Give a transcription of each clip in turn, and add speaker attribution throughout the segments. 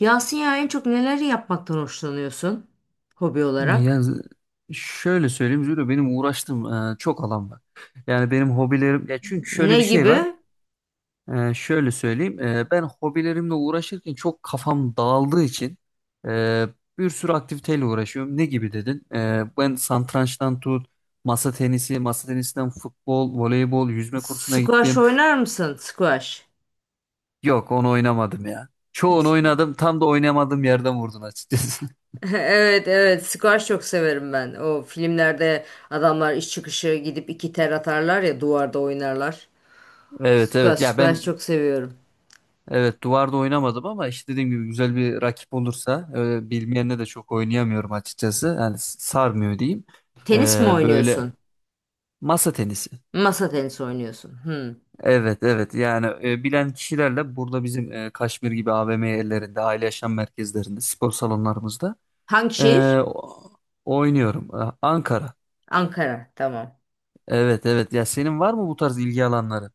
Speaker 1: Yasin ya en çok neleri yapmaktan hoşlanıyorsun hobi
Speaker 2: Ya
Speaker 1: olarak?
Speaker 2: z- Şöyle söyleyeyim Zülo, benim uğraştığım çok alan var. Yani benim hobilerim, ya çünkü şöyle
Speaker 1: Ne
Speaker 2: bir şey var.
Speaker 1: gibi?
Speaker 2: Şöyle söyleyeyim, ben hobilerimle uğraşırken çok kafam dağıldığı için e, bir sürü aktiviteyle uğraşıyorum. Ne gibi dedin? Ben satrançtan tut, masa tenisi, masa tenisinden futbol, voleybol, yüzme kursuna
Speaker 1: Squash
Speaker 2: gittim.
Speaker 1: oynar mısın? Squash.
Speaker 2: Yok, onu oynamadım ya. Çoğunu
Speaker 1: İşte-
Speaker 2: oynadım. Tam da oynamadığım yerden vurdun açıkçası.
Speaker 1: Evet evet, squash çok severim ben. O filmlerde adamlar iş çıkışı gidip iki ter atarlar ya, duvarda oynarlar.
Speaker 2: Evet,
Speaker 1: Squash
Speaker 2: evet. Ya
Speaker 1: squash
Speaker 2: ben,
Speaker 1: çok seviyorum.
Speaker 2: evet, duvarda oynamadım ama işte dediğim gibi güzel bir rakip olursa, bilmeyenle de çok oynayamıyorum açıkçası. Yani sarmıyor diyeyim.
Speaker 1: Tenis mi
Speaker 2: Böyle,
Speaker 1: oynuyorsun?
Speaker 2: masa tenisi.
Speaker 1: Masa tenisi oynuyorsun. Hmm.
Speaker 2: Evet evet, yani bilen kişilerle burada bizim Kaşmir gibi AVM yerlerinde, aile yaşam merkezlerinde, spor salonlarımızda,
Speaker 1: Hangi
Speaker 2: e,
Speaker 1: şehir?
Speaker 2: o- oynuyorum. Ankara.
Speaker 1: Ankara. Tamam.
Speaker 2: Evet evet, ya senin var mı bu tarz ilgi alanları?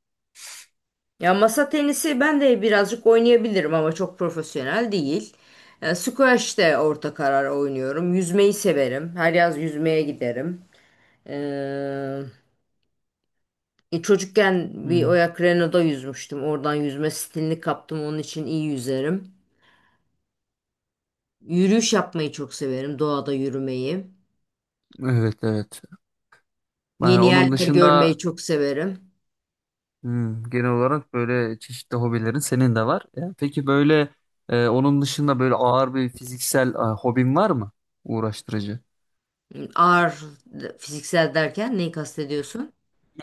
Speaker 1: Ya masa tenisi ben de birazcık oynayabilirim ama çok profesyonel değil. Squash de orta karar oynuyorum. Yüzmeyi severim. Her yaz yüzmeye giderim. Ee, Çocukken bir
Speaker 2: Hmm.
Speaker 1: Oyak Renault'da yüzmüştüm. Oradan yüzme stilini kaptım. Onun için iyi yüzerim. Yürüyüş yapmayı çok severim. Doğada yürümeyi.
Speaker 2: Evet, evet.
Speaker 1: Yeni
Speaker 2: Onun
Speaker 1: yerler
Speaker 2: dışında,
Speaker 1: görmeyi çok severim.
Speaker 2: hmm, genel olarak böyle çeşitli hobilerin senin de var. Ya, peki böyle, onun dışında böyle ağır bir fiziksel hobin var mı? Uğraştırıcı.
Speaker 1: Ağır fiziksel derken neyi kastediyorsun?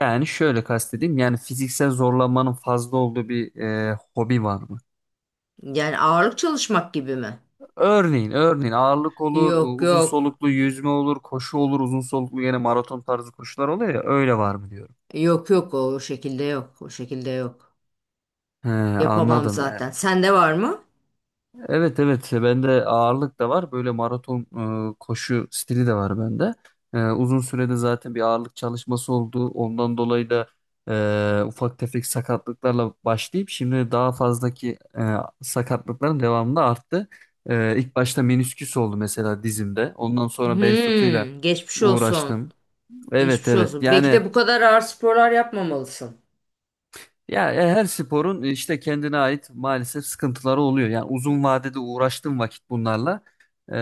Speaker 2: Yani şöyle kastedeyim. Yani fiziksel zorlanmanın fazla olduğu bir hobi var mı?
Speaker 1: Yani ağırlık çalışmak gibi mi?
Speaker 2: Örneğin, örneğin ağırlık olur,
Speaker 1: Yok
Speaker 2: uzun
Speaker 1: yok.
Speaker 2: soluklu yüzme olur, koşu olur, uzun soluklu yine maraton tarzı koşular oluyor ya, öyle var mı diyorum.
Speaker 1: Yok yok, o şekilde yok. O şekilde yok.
Speaker 2: He,
Speaker 1: Yapamam
Speaker 2: anladım.
Speaker 1: zaten. Sende var mı?
Speaker 2: Evet evet. Bende ağırlık da var, böyle maraton koşu stili de var bende. Uzun sürede zaten bir ağırlık çalışması oldu. Ondan dolayı da ufak tefek sakatlıklarla başlayıp şimdi daha fazlaki sakatlıkların devamında arttı. İlk başta menisküs oldu mesela dizimde. Ondan sonra bel fıtığıyla
Speaker 1: Hmm, geçmiş olsun.
Speaker 2: uğraştım. Evet
Speaker 1: Geçmiş
Speaker 2: evet,
Speaker 1: olsun. Belki
Speaker 2: yani,
Speaker 1: de bu kadar ağır sporlar yapmamalısın.
Speaker 2: ya, her sporun, işte kendine ait maalesef sıkıntıları oluyor. Yani uzun vadede uğraştığım vakit bunlarla, e,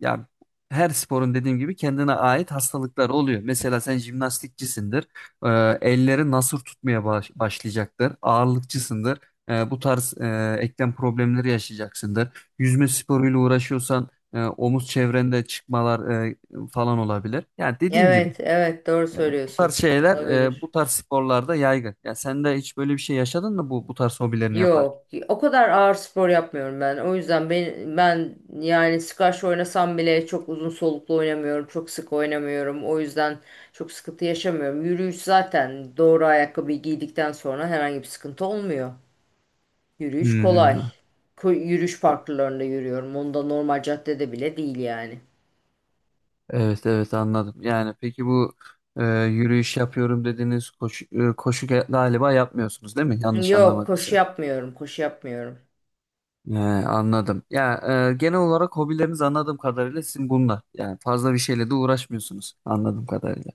Speaker 2: ya her sporun dediğim gibi kendine ait hastalıkları oluyor. Mesela sen jimnastikçisindir. E, Elleri nasır tutmaya başlayacaktır. Ağırlıkçısındır. Bu tarz eklem problemleri yaşayacaksındır. Yüzme sporuyla uğraşıyorsan omuz çevrende çıkmalar falan olabilir. Yani dediğim gibi
Speaker 1: Evet, evet, doğru
Speaker 2: bu tarz
Speaker 1: söylüyorsun.
Speaker 2: şeyler
Speaker 1: Olabilir.
Speaker 2: bu tarz sporlarda yaygın. Ya sen de hiç böyle bir şey yaşadın mı bu tarz hobilerini yaparken?
Speaker 1: Yok, o kadar ağır spor yapmıyorum ben. O yüzden ben yani squash oynasam bile çok uzun soluklu oynamıyorum, çok sık oynamıyorum. O yüzden çok sıkıntı yaşamıyorum. Yürüyüş zaten doğru ayakkabıyı giydikten sonra herhangi bir sıkıntı olmuyor. Yürüyüş kolay.
Speaker 2: Hmm,
Speaker 1: Yürüyüş parklarında yürüyorum. Onda normal caddede bile değil yani.
Speaker 2: evet evet, anladım. Yani peki bu, yürüyüş yapıyorum dediğiniz koşu, koşu galiba yapmıyorsunuz değil mi? Yanlış
Speaker 1: Yok, koşu
Speaker 2: anlamadıysam.
Speaker 1: yapmıyorum, koşu yapmıyorum.
Speaker 2: Anladım. Ya, genel olarak hobileriniz, anladığım kadarıyla sizin bunlar. Yani fazla bir şeyle de uğraşmıyorsunuz anladığım kadarıyla.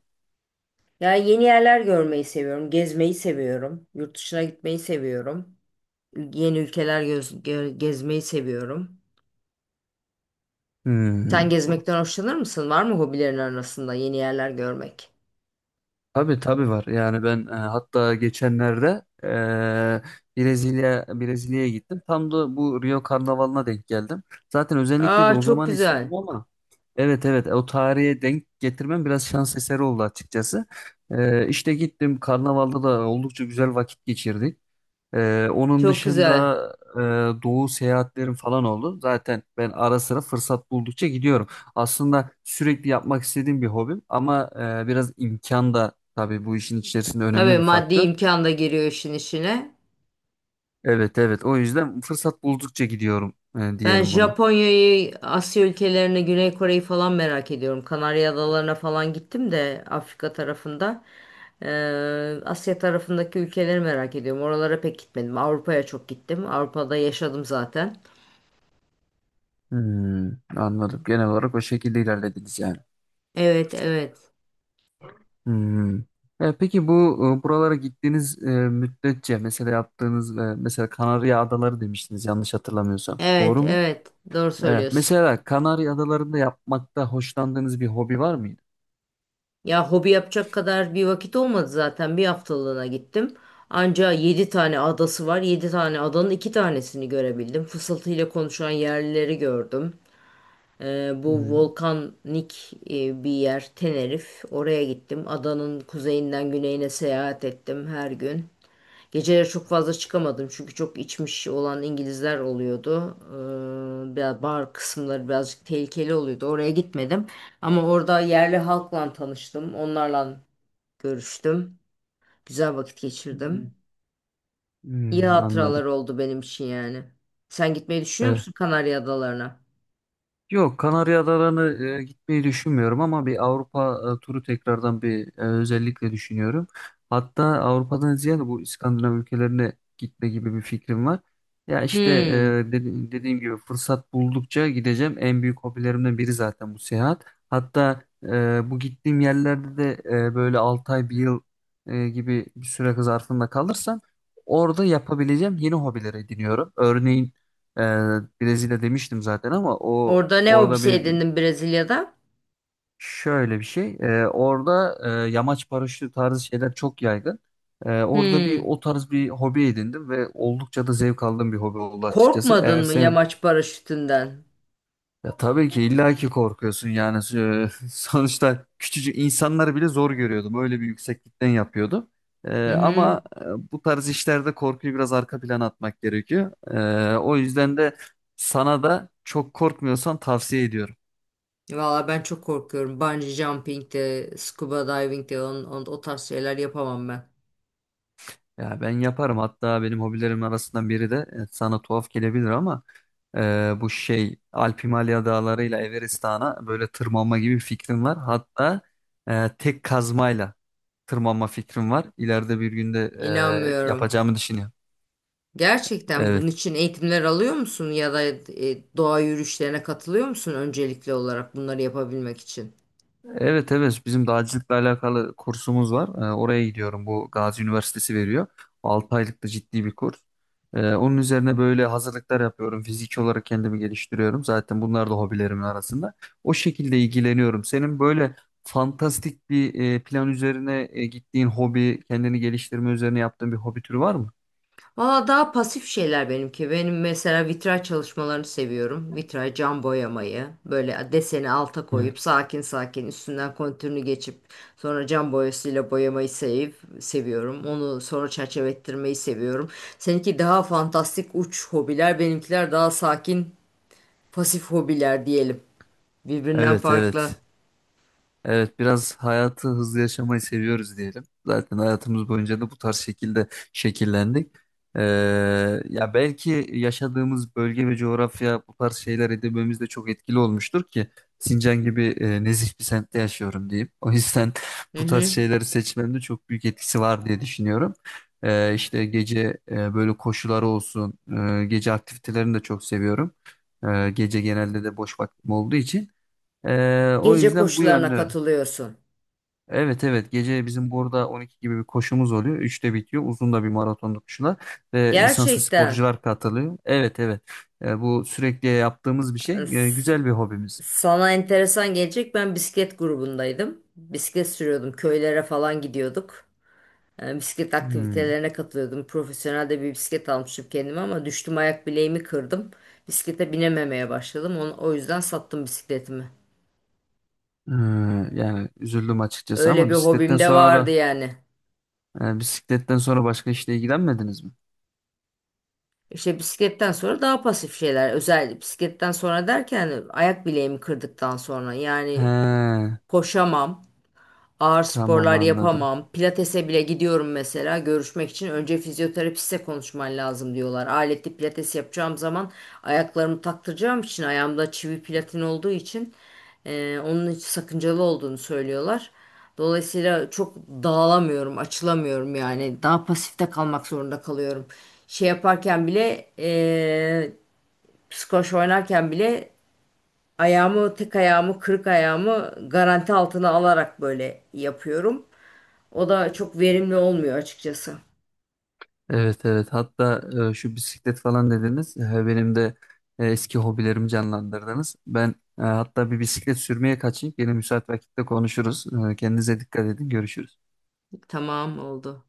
Speaker 1: Ya yeni yerler görmeyi seviyorum, gezmeyi seviyorum, yurt dışına gitmeyi seviyorum, yeni ülkeler gezmeyi seviyorum. Sen
Speaker 2: Hmm.
Speaker 1: gezmekten hoşlanır mısın? Var mı hobilerin arasında yeni yerler görmek?
Speaker 2: Tabii tabii var. Yani ben, hatta geçenlerde Brezilya'ya gittim. Tam da bu Rio Karnavalı'na denk geldim. Zaten özellikle de
Speaker 1: Aa,
Speaker 2: o
Speaker 1: çok
Speaker 2: zaman
Speaker 1: güzel,
Speaker 2: istiyordum ama evet evet, o tarihe denk getirmem biraz şans eseri oldu açıkçası. İşte gittim, Karnaval'da da oldukça güzel vakit geçirdik. Onun
Speaker 1: çok güzel.
Speaker 2: dışında doğu seyahatlerim falan oldu. Zaten ben ara sıra fırsat buldukça gidiyorum. Aslında sürekli yapmak istediğim bir hobim ama biraz imkan da tabii bu işin içerisinde
Speaker 1: Tabii
Speaker 2: önemli bir
Speaker 1: maddi
Speaker 2: faktör.
Speaker 1: imkan da giriyor işin içine.
Speaker 2: Evet evet, o yüzden fırsat buldukça gidiyorum,
Speaker 1: Ben
Speaker 2: diyelim buna.
Speaker 1: Japonya'yı, Asya ülkelerini, Güney Kore'yi falan merak ediyorum. Kanarya Adalarına falan gittim de Afrika tarafında. Ee, Asya tarafındaki ülkeleri merak ediyorum. Oralara pek gitmedim. Avrupa'ya çok gittim. Avrupa'da yaşadım zaten.
Speaker 2: Hmm, anladım. Genel olarak o şekilde ilerlediniz yani.
Speaker 1: Evet, evet.
Speaker 2: Hmm. Peki bu, buralara gittiğiniz müddetçe mesela yaptığınız, mesela Kanarya Adaları demiştiniz yanlış hatırlamıyorsam.
Speaker 1: Evet,
Speaker 2: Doğru mu?
Speaker 1: evet. Doğru
Speaker 2: Evet.
Speaker 1: söylüyorsun.
Speaker 2: Mesela Kanarya Adaları'nda yapmakta hoşlandığınız bir hobi var mıydı?
Speaker 1: Ya hobi yapacak kadar bir vakit olmadı zaten. Bir haftalığına gittim. Anca 7 tane adası var. 7 tane adanın 2 tanesini görebildim. Fısıltıyla konuşan yerlileri gördüm. Bu
Speaker 2: Hmm,
Speaker 1: volkanik bir yer, Tenerif. Oraya gittim. Adanın kuzeyinden güneyine seyahat ettim her gün. Geceleri çok fazla çıkamadım çünkü çok içmiş olan İngilizler oluyordu. Biraz bar kısımları birazcık tehlikeli oluyordu. Oraya gitmedim. Ama orada yerli halkla tanıştım. Onlarla görüştüm. Güzel vakit geçirdim. İyi
Speaker 2: hmm, anladım.
Speaker 1: hatıralar oldu benim için yani. Sen gitmeyi düşünüyor
Speaker 2: Evet.
Speaker 1: musun Kanarya Adalarına?
Speaker 2: Yok, Kanarya Adaları'nı, gitmeyi düşünmüyorum ama bir Avrupa turu, tekrardan bir, özellikle düşünüyorum. Hatta Avrupa'dan ziyade bu İskandinav ülkelerine gitme gibi bir fikrim var. Ya işte,
Speaker 1: Hmm.
Speaker 2: dediğim gibi fırsat buldukça gideceğim. En büyük hobilerimden biri zaten bu seyahat. Hatta bu gittiğim yerlerde de böyle 6 ay bir yıl gibi bir süre zarfında kalırsam orada yapabileceğim yeni hobiler ediniyorum. Örneğin ee, Brezilya demiştim zaten ama o
Speaker 1: Orada ne
Speaker 2: orada
Speaker 1: hobisi
Speaker 2: bir,
Speaker 1: edindin Brezilya'da?
Speaker 2: şöyle bir şey. Orada yamaç paraşütü tarzı şeyler çok yaygın. Orada bir
Speaker 1: Hmm.
Speaker 2: o tarz bir hobi edindim ve oldukça da zevk aldığım bir hobi oldu açıkçası.
Speaker 1: Korkmadın
Speaker 2: Eğer
Speaker 1: mı
Speaker 2: seni,
Speaker 1: yamaç paraşütünden?
Speaker 2: ya tabii ki illaki korkuyorsun yani. Sonuçta küçücük insanları bile zor görüyordum. Öyle bir yükseklikten yapıyordum.
Speaker 1: Hı hı.
Speaker 2: Ama bu tarz işlerde korkuyu biraz arka plana atmak gerekiyor. O yüzden de sana da çok korkmuyorsan tavsiye ediyorum.
Speaker 1: Valla ben çok korkuyorum. Bungee jumping de, scuba diving de, o tarz şeyler yapamam ben.
Speaker 2: Ya ben yaparım. Hatta benim hobilerim arasından biri de, sana tuhaf gelebilir ama e, bu şey Alp Himalaya dağlarıyla Everest Dağı'na böyle tırmanma gibi bir fikrim var. Hatta tek kazmayla tırmanma fikrim var. İleride bir günde
Speaker 1: İnanmıyorum.
Speaker 2: yapacağımı düşünüyorum.
Speaker 1: Gerçekten
Speaker 2: Evet.
Speaker 1: bunun için eğitimler alıyor musun ya da doğa yürüyüşlerine katılıyor musun öncelikli olarak bunları yapabilmek için?
Speaker 2: Evet evet, bizim dağcılıkla alakalı kursumuz var. Oraya gidiyorum. Bu Gazi Üniversitesi veriyor. 6 aylık da ciddi bir kurs. Onun üzerine böyle hazırlıklar yapıyorum. Fiziki olarak kendimi geliştiriyorum. Zaten bunlar da hobilerimin arasında. O şekilde ilgileniyorum. Senin böyle fantastik bir plan üzerine gittiğin hobi, kendini geliştirme üzerine yaptığın bir hobi türü var mı?
Speaker 1: Valla daha pasif şeyler benimki. Benim mesela vitray çalışmalarını seviyorum. Vitray cam boyamayı. Böyle deseni alta
Speaker 2: Evet.
Speaker 1: koyup sakin sakin üstünden kontürünü geçip sonra cam boyasıyla boyamayı seviyorum. Onu sonra çerçeve ettirmeyi seviyorum. Seninki daha fantastik uç hobiler, benimkiler daha sakin pasif hobiler diyelim. Birbirinden
Speaker 2: Evet
Speaker 1: farklı.
Speaker 2: evet. Evet, biraz hayatı hızlı yaşamayı seviyoruz diyelim. Zaten hayatımız boyunca da bu tarz şekilde şekillendik. Ee, Ya belki yaşadığımız bölge ve coğrafya bu tarz şeyler edinmemizde çok etkili olmuştur ki Sincan gibi nezih bir semtte yaşıyorum diyeyim. O yüzden
Speaker 1: Hı
Speaker 2: bu tarz
Speaker 1: hı.
Speaker 2: şeyleri seçmemde çok büyük etkisi var diye düşünüyorum. İşte gece böyle koşuları olsun, gece aktivitelerini de çok seviyorum. Gece genelde de boş vaktim olduğu için. O
Speaker 1: Gece
Speaker 2: yüzden bu
Speaker 1: koşularına
Speaker 2: yönlü,
Speaker 1: katılıyorsun.
Speaker 2: evet evet, gece bizim burada 12 gibi bir koşumuz oluyor. Üçte bitiyor. Uzun da bir maratonlu koşular ve lisanslı
Speaker 1: Gerçekten.
Speaker 2: sporcular katılıyor. Evet evet. Bu sürekli yaptığımız bir şey. Güzel bir hobimiz.
Speaker 1: Sana enteresan gelecek. Ben bisiklet grubundaydım. Bisiklet sürüyordum. Köylere falan gidiyorduk. Yani bisiklet
Speaker 2: Hmm.
Speaker 1: aktivitelerine katılıyordum. Profesyonel de bir bisiklet almıştım kendime ama düştüm, ayak bileğimi kırdım. Bisiklete binememeye başladım. O yüzden sattım bisikletimi.
Speaker 2: Ee, Yani üzüldüm açıkçası
Speaker 1: Öyle
Speaker 2: ama
Speaker 1: bir
Speaker 2: bisikletten
Speaker 1: hobim de vardı
Speaker 2: sonra,
Speaker 1: yani.
Speaker 2: bisikletten sonra başka işle ilgilenmediniz mi?
Speaker 1: İşte bisikletten sonra daha pasif şeyler. Özel bisikletten sonra derken, ayak bileğimi kırdıktan sonra
Speaker 2: He,
Speaker 1: yani koşamam. Ağır
Speaker 2: tamam,
Speaker 1: sporlar
Speaker 2: anladım.
Speaker 1: yapamam. Pilatese bile gidiyorum mesela görüşmek için. Önce fizyoterapiste konuşman lazım diyorlar. Aletli pilates yapacağım zaman ayaklarımı taktıracağım için, ayağımda çivi platin olduğu için onun hiç sakıncalı olduğunu söylüyorlar. Dolayısıyla çok dağılamıyorum, açılamıyorum yani. Daha pasifte kalmak zorunda kalıyorum. Şey yaparken bile, squash oynarken bile tek ayağımı, kırık ayağımı garanti altına alarak böyle yapıyorum. O da çok verimli olmuyor açıkçası.
Speaker 2: Evet evet, hatta şu bisiklet falan dediniz. Benim de eski hobilerimi canlandırdınız. Ben, hatta bir bisiklet sürmeye kaçayım, yine müsait vakitte konuşuruz. Kendinize dikkat edin, görüşürüz.
Speaker 1: Tamam, oldu.